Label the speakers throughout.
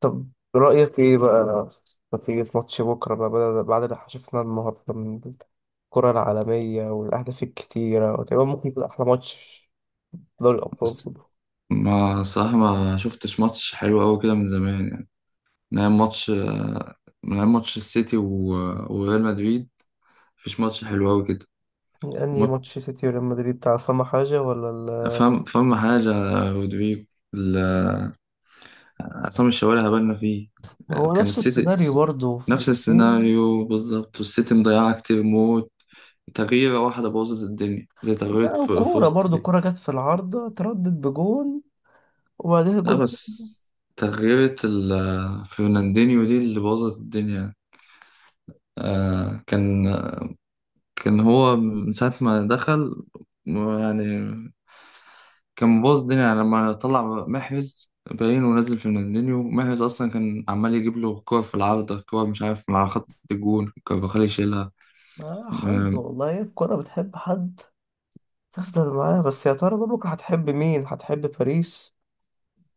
Speaker 1: طب، رأيك إيه بقى في ماتش بكرة بقى بعد اللي شفناه النهاردة من الكرة العالمية والأهداف الكتيرة، وتقريبا ممكن يكون أحلى ماتش في دوري الأبطال
Speaker 2: بس
Speaker 1: كله.
Speaker 2: ما صراحة ما شفتش ماتش حلو أوي كده من زمان، يعني من أيام ماتش، السيتي وريال مدريد. مفيش ماتش حلو أوي كده.
Speaker 1: يعني أنهي
Speaker 2: ماتش
Speaker 1: ماتش سيتي وريال مدريد بتاع فما حاجة ولا
Speaker 2: فاهم حاجة يا رودريجو. ال- عصام الشوالي هبلنا فيه.
Speaker 1: ما هو
Speaker 2: كان
Speaker 1: نفس
Speaker 2: السيتي
Speaker 1: السيناريو برضه في
Speaker 2: نفس
Speaker 1: دقيقتين.
Speaker 2: السيناريو بالظبط، والسيتي مضيعة كتير موت. تغييرة واحدة بوظت الدنيا، زي تغييرة
Speaker 1: لا، وكورة
Speaker 2: فوست
Speaker 1: برضه
Speaker 2: دي.
Speaker 1: الكورة جت في العارضة تردد بجون وبعدها
Speaker 2: لا
Speaker 1: جون.
Speaker 2: بس تغييرة فرناندينيو دي اللي بوظت الدنيا. آه، كان هو من ساعة ما دخل، يعني كان مبوظ الدنيا. يعني لما طلع محرز باين، ونزل فيرناندينيو، محرز أصلا كان عمال يجيب له كور في العارضة، كور مش عارف من على خط الجون كارفاخال يشيلها.
Speaker 1: ما حظ
Speaker 2: أم،
Speaker 1: والله، الكورة بتحب حد تفضل معاه. بس يا ترى بقى بكرة هتحب مين؟ هتحب باريس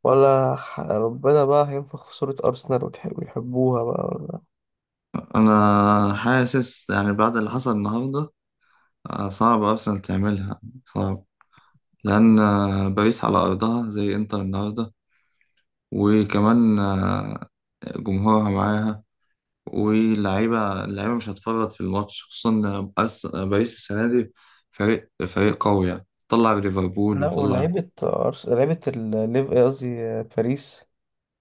Speaker 1: ولا ربنا بقى هينفخ في صورة أرسنال وتح- ويحبوها بقى ولا؟
Speaker 2: أنا حاسس يعني بعد اللي حصل النهاردة، صعب أرسنال تعملها، صعب. لأن باريس على أرضها زي إنتر النهاردة، وكمان جمهورها معاها، واللعيبة مش هتفرط في الماتش، خصوصا إن باريس السنة دي فريق قوي، يعني طلع ليفربول
Speaker 1: لا،
Speaker 2: وطلع.
Speaker 1: ولعيبة لعيبة الليف قصدي باريس.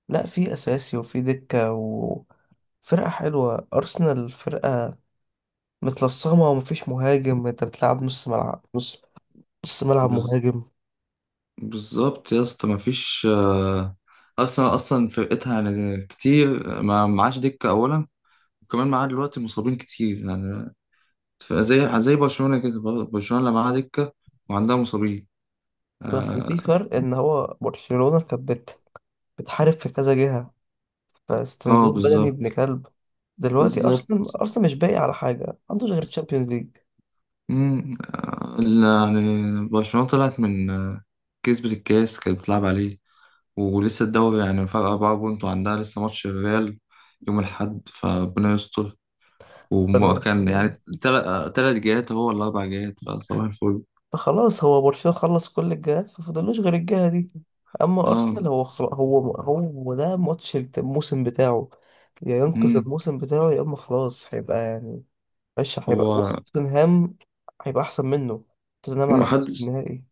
Speaker 1: لا، في أساسي وفي دكة وفرقة حلوة. أرسنال فرقة متلصمة ومفيش مهاجم، أنت بتلعب نص ملعب، نص ملعب
Speaker 2: بز...
Speaker 1: مهاجم.
Speaker 2: بالظبط يا اسطى، مفيش أصلا فرقتها يعني كتير، ما معاش دكة أولا، وكمان معاه دلوقتي مصابين كتير يعني. زي برشلونة كده، برشلونة لا معاها دكة وعندها مصابين.
Speaker 1: بس في
Speaker 2: اه،
Speaker 1: فرق إن هو برشلونة بتحارب في كذا جهة، فاستنزاف بدني ابن
Speaker 2: بالظبط.
Speaker 1: كلب. دلوقتي
Speaker 2: بالظبط.
Speaker 1: أرسنال مش باقي على حاجة، ما عندوش غير تشامبيونز ليج.
Speaker 2: مم، يعني برشلونة طلعت من كسبت الكاس كانت بتلعب عليه، ولسه الدوري يعني فرق 4 بونت، وعندها لسه ماتش الريال يوم الأحد، فربنا يستر. وكان يعني تلات جهات هو ولا أربع جهات، فصباح الفل.
Speaker 1: خلاص، هو برشلونة خلص كل الجهات ففضلوش غير الجهة دي. اما
Speaker 2: اه.
Speaker 1: ارسنال هو ده ماتش الموسم بتاعه، يا ينقذ
Speaker 2: مم.
Speaker 1: الموسم بتاعه يا اما خلاص هيبقى يعني مش هيبقى.
Speaker 2: هو
Speaker 1: بص، توتنهام هيبقى احسن منه، توتنهام على الاقل في
Speaker 2: محدش
Speaker 1: النهائي.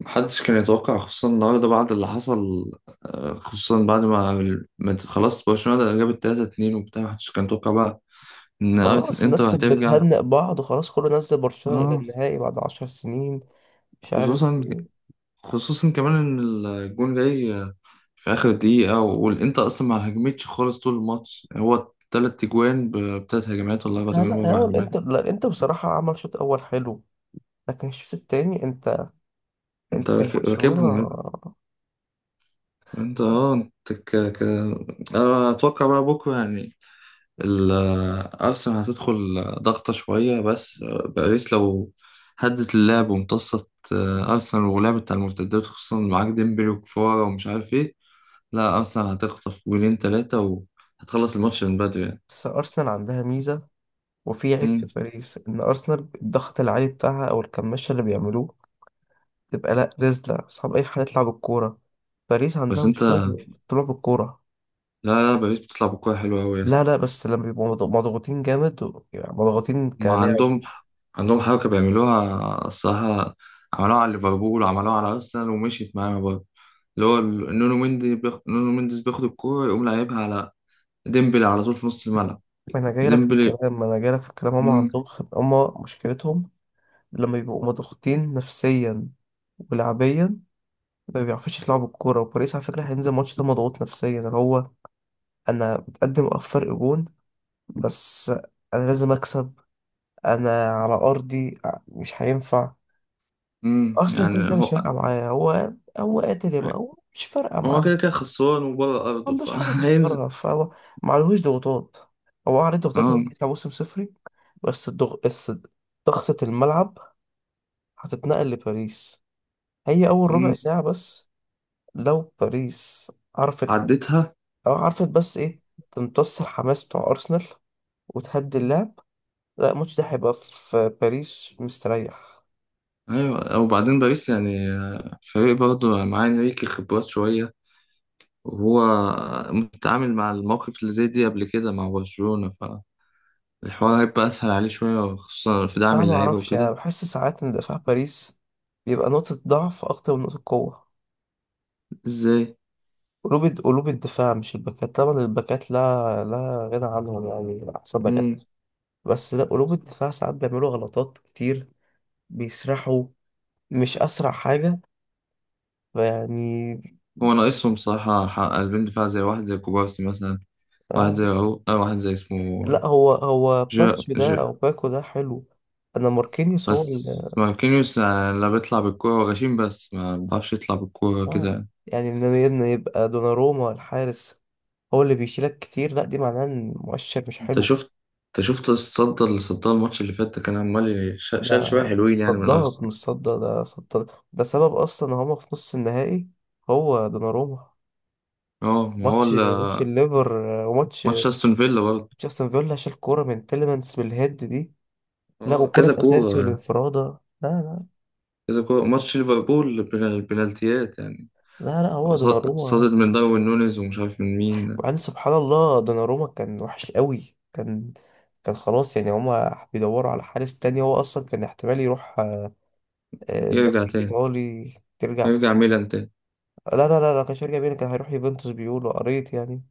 Speaker 2: محدش كان يتوقع، خصوصا النهارده بعد اللي حصل، خصوصا بعد ما خلاص برشلونة جابت 3-2 وبتاع، محدش كان يتوقع بقى إن
Speaker 1: خلاص الناس
Speaker 2: إنتر
Speaker 1: كانت
Speaker 2: هترجع.
Speaker 1: بتهنئ بعض وخلاص كله، نزل برشلونة الى
Speaker 2: اه.
Speaker 1: النهائي بعد 10 سنين. مش عارف.
Speaker 2: خصوصا، خصوصا كمان ان الجون جاي في اخر دقيقة، والانتر اصلا ما هجمتش خالص طول الماتش، هو 3 اجوان بتلات هجمات ولا اربع
Speaker 1: آه
Speaker 2: اجوان
Speaker 1: لا،
Speaker 2: باربع
Speaker 1: هو
Speaker 2: هجمات.
Speaker 1: الانتر لا الانتر بصراحة عمل شوط اول حلو، لكن الشوط التاني انت
Speaker 2: انت
Speaker 1: انت برشلونة.
Speaker 2: راكبهم يا ابني. انت اه انت أنا اتوقع بقى بكرة يعني ال- ارسنال هتدخل ضغطة شوية، بس باريس لو هدت اللعب وامتصت ارسنال ولعبت على المرتدات، خصوصا معاك ديمبلي وكفارة ومش عارف ايه، لا اصلا هتخطف 3 جولين، وهتخلص الماتش من بدري يعني.
Speaker 1: بس ارسنال عندها ميزة وفي عيب في
Speaker 2: مم.
Speaker 1: باريس، إن أرسنال الضغط العالي بتاعها أو الكماشة اللي بيعملوه تبقى لأ رزلة، صعب أي حد يطلع بالكورة. باريس عندها
Speaker 2: بس
Speaker 1: مشكلة
Speaker 2: انت،
Speaker 1: بالطلوع بالكورة.
Speaker 2: لا لا، باريس بتطلع بكورة حلوة أوي يا
Speaker 1: لا
Speaker 2: اسطى.
Speaker 1: لا، بس لما بيبقوا مضغوطين جامد و يعني مضغوطين
Speaker 2: ما
Speaker 1: كلاعب.
Speaker 2: عندهم عندهم حركة بيعملوها الصراحة، عملوها على ليفربول وعملوها على أرسنال، ومشيت معاها برضه. اللي هو نونو مندي نونو مندي بياخد الكورة يقوم لاعبها على ديمبلي على طول في نص الملعب.
Speaker 1: ما أنا جايلك في
Speaker 2: ديمبلي.
Speaker 1: الكلام ما أنا جايلك في الكلام، هما
Speaker 2: مم.
Speaker 1: هما مشكلتهم لما بيبقوا مضغوطين نفسيا ولعبيا ما بيعرفوش يلعبوا الكورة. وباريس على فكرة هينزل الماتش ده مضغوط نفسيا، اللي هو: أنا متقدم فرق جون بس أنا لازم أكسب، انا على ارضي، مش هينفع. اصلا
Speaker 2: يعني
Speaker 1: كده كده مش
Speaker 2: هو،
Speaker 1: فارقه معايا، هو هو قاتل يا ما هو مش فارقه معاه،
Speaker 2: هو
Speaker 1: ما
Speaker 2: كده كده خسران وبره أرضه،
Speaker 1: عندوش حاجه
Speaker 2: فهينزل.
Speaker 1: تخسرها، فهو ما عليهوش ضغوطات. هو عليه ضغوطات
Speaker 2: اه.
Speaker 1: إن هو يطلع موسم صفري. بس ضغطة الملعب هتتنقل لباريس، هي اول ربع
Speaker 2: مم.
Speaker 1: ساعه بس. لو باريس عرفت
Speaker 2: عدتها.
Speaker 1: او عرفت بس ايه، تمتص الحماس بتاع ارسنال وتهدي اللعب، لا الماتش ده هيبقى في باريس مستريح.
Speaker 2: ايوه، وبعدين باريس يعني فريق برضه معاه انريكي خبرات شويه، وهو متعامل مع المواقف اللي زي دي قبل كده مع برشلونه، فالحوار هيبقى اسهل عليه شويه، خصوصا في دعم
Speaker 1: صعب، ما
Speaker 2: اللعيبه
Speaker 1: اعرفش، انا
Speaker 2: وكده.
Speaker 1: بحس ساعات ان دفاع باريس بيبقى نقطة ضعف اكتر من نقطة قوة.
Speaker 2: ازاي؟
Speaker 1: قلوب الدفاع، مش الباكات طبعا، الباكات لا لا غنى عنهم يعني احسن باكات.
Speaker 2: مم.
Speaker 1: بس لا، قلوب الدفاع ساعات بيعملوا غلطات كتير، بيسرحوا، مش اسرع حاجة يعني.
Speaker 2: هو ناقصهم صراحه قلبين دفاع، زي واحد زي كوبارسي مثلا، واحد
Speaker 1: آه.
Speaker 2: زي راؤول، أو واحد زي اسمه
Speaker 1: لا، هو
Speaker 2: جا
Speaker 1: باتش ده او
Speaker 2: جا
Speaker 1: باكو ده حلو. انا ماركينيوس هو
Speaker 2: بس
Speaker 1: اللي،
Speaker 2: ماركينيوس يعني، لا بيطلع بالكوره، هو غشيم بس ما بيعرفش يطلع بالكوره
Speaker 1: اه،
Speaker 2: كده.
Speaker 1: يعني ان يبقى دوناروما الحارس هو اللي بيشيلك كتير، لا دي معناه ان مؤشر مش
Speaker 2: انت
Speaker 1: حلو.
Speaker 2: شفت، انت شفت الصدى اللي صدها الماتش اللي فات ده، كان عمال
Speaker 1: ده
Speaker 2: شال شويه حلوين يعني من
Speaker 1: صدرت
Speaker 2: ارسنال.
Speaker 1: مش صدر ده صدر ده سبب اصلا ان هما في نص النهائي، هو دوناروما.
Speaker 2: اه، ما هو
Speaker 1: ماتش ماتش الليفر، وماتش
Speaker 2: ماتش استون فيلا برضه.
Speaker 1: جاستن فيلا، شال كوره من تيليمانس بالهيد دي. لا،
Speaker 2: اه
Speaker 1: وكرة
Speaker 2: كذا
Speaker 1: اسينسيو
Speaker 2: كوره.
Speaker 1: الانفرادة. لا لا
Speaker 2: كذا كوره ماتش ليفربول البنالتيات يعني.
Speaker 1: لا لا
Speaker 2: هو
Speaker 1: هو دوناروما.
Speaker 2: صدد من داروين نونيز ومش عارف من مين.
Speaker 1: وبعدين سبحان الله، دوناروما كان وحش قوي، كان كان خلاص يعني، هما بيدوروا على حارس تاني، هو اصلا كان احتمال يروح الدوري
Speaker 2: يرجع تاني.
Speaker 1: الايطالي. ترجع تاني.
Speaker 2: يرجع ميلان تاني.
Speaker 1: لا، كانش هيرجع بينا، كان هيروح يوفنتوس بيقولوا، قريت يعني.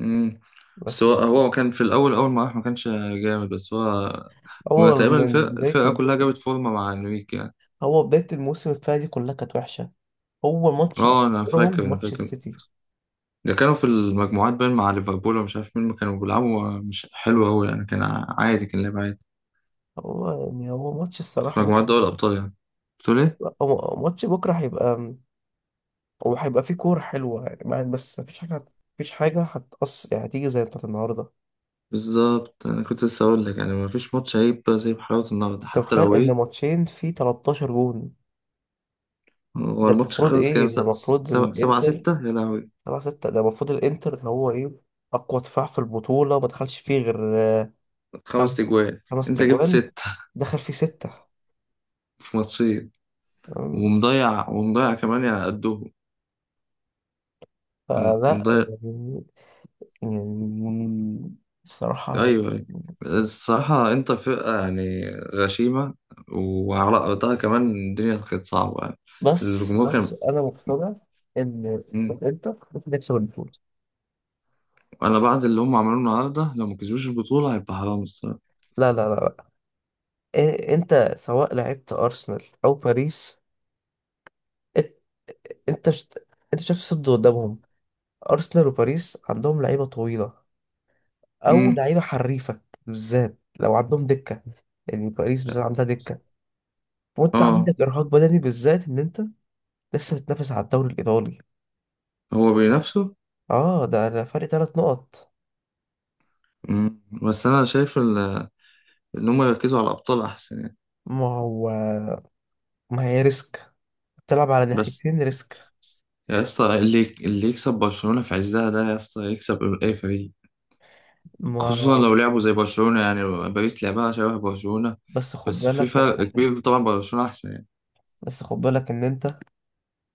Speaker 2: امم. بس هو،
Speaker 1: بس
Speaker 2: هو كان في الاول، اول ما راح ما كانش جامد، بس هو كنا
Speaker 1: هو
Speaker 2: تقريبا
Speaker 1: من بداية
Speaker 2: الفرقه كلها
Speaker 1: الموسم،
Speaker 2: جابت فورمه مع انريكي يعني.
Speaker 1: هو بداية الموسم الفاية دي كلها كانت وحشة. هو ماتش اللي
Speaker 2: اه، انا فاكر.
Speaker 1: خسرهم
Speaker 2: انا
Speaker 1: ماتش
Speaker 2: فاكر
Speaker 1: السيتي.
Speaker 2: ده، كانوا في المجموعات بين مع ليفربول ومش عارف مين، ما كانوا بيلعبوا مش حلو أوي يعني، كان عادي، كان لعب عادي
Speaker 1: هو يعني هو ماتش
Speaker 2: في
Speaker 1: الصراحة
Speaker 2: مجموعات دوري
Speaker 1: بكرة،
Speaker 2: الأبطال يعني. بتقول إيه؟
Speaker 1: هو ماتش بكرة هيبقى، هو هيبقى فيه كورة حلوة يعني بس مفيش حاجة، مفيش حاجة هتقص يعني، هتيجي زي بتاعت النهاردة.
Speaker 2: بالظبط، أنا كنت لسه أقول لك يعني ما فيش ماتش هيبقى زي بحلاوة النهاردة
Speaker 1: انت
Speaker 2: حتى
Speaker 1: متخيل
Speaker 2: لو
Speaker 1: ان
Speaker 2: إيه.
Speaker 1: ماتشين فيه 13 جون؟
Speaker 2: هو
Speaker 1: ده
Speaker 2: الماتش
Speaker 1: المفروض
Speaker 2: خلص
Speaker 1: ايه،
Speaker 2: كام؟
Speaker 1: ده المفروض
Speaker 2: سبعة سبعة
Speaker 1: الانتر
Speaker 2: ستة يا لهوي.
Speaker 1: سبعة ستة، ده المفروض الانتر اللي هو ايه اقوى دفاع في البطولة، ما دخلش فيه غير
Speaker 2: خمس
Speaker 1: خمس
Speaker 2: تجوان
Speaker 1: خمس
Speaker 2: أنت جبت
Speaker 1: تجوان،
Speaker 2: ستة.
Speaker 1: دخل فيه ستة،
Speaker 2: في ماتشين.
Speaker 1: تمام.
Speaker 2: ومضيع، ومضيع كمان يعني قدهم.
Speaker 1: فلا
Speaker 2: مضيع.
Speaker 1: يعني، يعني الصراحة،
Speaker 2: ايوه، ايوه. الصراحة انتر فرقة يعني غشيمة، وعلى ارضها كمان الدنيا كانت صعبة يعني،
Speaker 1: بس
Speaker 2: الجمهور
Speaker 1: بس
Speaker 2: كان.
Speaker 1: أنا مقتنع إن
Speaker 2: مم.
Speaker 1: إنتر هتكسب البطولة.
Speaker 2: انا بعد اللي هم عملوه النهاردة، لو ما كسبوش البطولة هيبقى حرام الصراحة.
Speaker 1: لا، إيه، أنت سواء لعبت أرسنال أو باريس، إت- أنت شت- أنت شايف الصد قدامهم، أرسنال وباريس عندهم لعيبة طويلة أو
Speaker 2: مم.
Speaker 1: لعيبة حريفة، بالذات لو عندهم دكة. يعني باريس بالذات عندها دكة، وأنت
Speaker 2: اه.
Speaker 1: عندك إرهاق بدني، بالذات إن أنت لسه بتنافس على الدوري الإيطالي.
Speaker 2: هو بينافسوا.
Speaker 1: اه ده ده فرق 3 نقط.
Speaker 2: مم. بس انا شايف ان هم يركزوا على الابطال احسن يعني.
Speaker 1: ما هو ما هي ريسك، بتلعب على
Speaker 2: بس
Speaker 1: ناحيتين ريسك.
Speaker 2: يا اسطى، اللي يكسب برشلونة في عزها ده يا اسطى يكسب اي فريق،
Speaker 1: ما
Speaker 2: خصوصا لو لعبوا زي برشلونة يعني. باريس لعبها شبه برشلونة،
Speaker 1: بس خد
Speaker 2: بس في
Speaker 1: بالك من
Speaker 2: فرق
Speaker 1: حاجة،
Speaker 2: كبير طبعا، برشلونة أحسن يعني.
Speaker 1: بس خد بالك ان انت،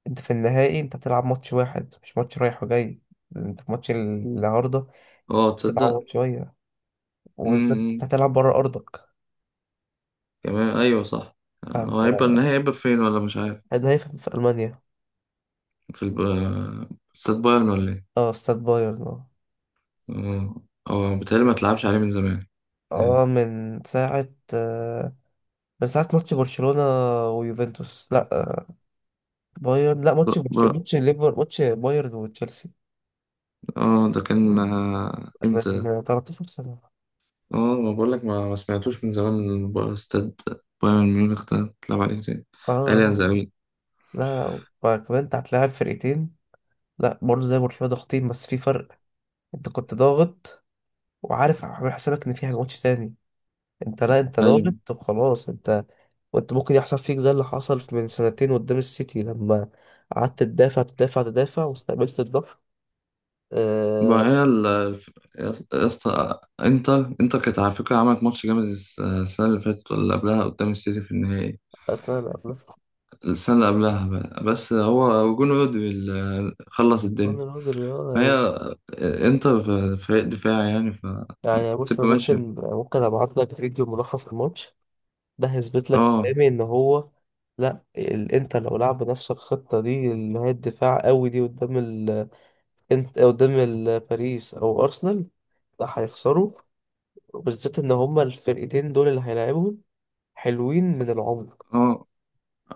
Speaker 1: انت في النهائي انت هتلعب ماتش واحد، مش ماتش رايح وجاي. انت في ماتش النهارده
Speaker 2: اه، تصدق.
Speaker 1: تتعوض شوية، وبالذات انت
Speaker 2: امم.
Speaker 1: هتلعب بره ارضك.
Speaker 2: كمان أيوه صح. هو
Speaker 1: فانت،
Speaker 2: هيبقى النهائي، هيبقى فين ولا مش عارف؟
Speaker 1: ده هيفهم في المانيا.
Speaker 2: في الب... استاد بايرن ولا إيه؟
Speaker 1: اه، استاد بايرن، اه.
Speaker 2: اه. اه، بيتهيألي ما تلعبش عليه من زمان
Speaker 1: اه
Speaker 2: يعني.
Speaker 1: من ساعة، آه، من ساعة ماتش برشلونة ويوفنتوس. لا بايرن. لا
Speaker 2: ب...
Speaker 1: ماتش
Speaker 2: ب...
Speaker 1: برشلونة، ماتش ليفر، ماتش بايرن وتشيلسي،
Speaker 2: اه، ده كان امتى ده؟
Speaker 1: من 13 سنة.
Speaker 2: اه، ما بقولك ما سمعتوش من زمان من استاد بايرن ميونخ ده تلعب عليه تاني. أليانز
Speaker 1: اه.
Speaker 2: أرينا.
Speaker 1: لا وكمان انت هتلاعب فرقتين، لا برضه زي برشلونة ضاغطين، بس في فرق. انت كنت ضاغط وعارف عامل حسابك ان فيها ماتش تاني. انت لا، انت
Speaker 2: أيوه.
Speaker 1: ضاغط وخلاص انت. وانت ممكن يحصل فيك زي اللي حصل من 2 سنين قدام السيتي، لما قعدت تدافع تدافع تدافع واستقبلت الضغط. آه،
Speaker 2: ما هي ال، يا اسطى انتر، كانت على فكرة عملت ماتش جامد السنة اللي فاتت ولا اللي قبلها، قدام السيتي في النهائي.
Speaker 1: اصلا انا بس
Speaker 2: السنة اللي قبلها بقى. بس هو جون رودري اللي خلص
Speaker 1: جون
Speaker 2: الدنيا.
Speaker 1: الهزر يا
Speaker 2: ما هي
Speaker 1: يعني.
Speaker 2: انتر فريق دفاعي يعني،
Speaker 1: يعني بص،
Speaker 2: فبتبقى
Speaker 1: انا
Speaker 2: ماشي.
Speaker 1: ممكن ابعت لك فيديو ملخص الماتش، ده هيثبت لك
Speaker 2: اه.
Speaker 1: كلامي ان هو، لا ال... انت لو لعب نفس الخطه دي اللي هي الدفاع قوي دي قدام انت قدام باريس او ارسنال، لا هيخسروا، وبالذات ان هما الفرقتين دول اللي هيلاعبهم حلوين من العمر.
Speaker 2: اه،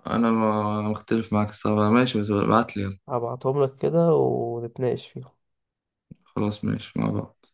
Speaker 2: انا ما مختلف معاك الصراحة، ماشي بس ابعت لي.
Speaker 1: هبعتهم لك كده ونتناقش فيهم.
Speaker 2: خلاص، ماشي، مع بعض.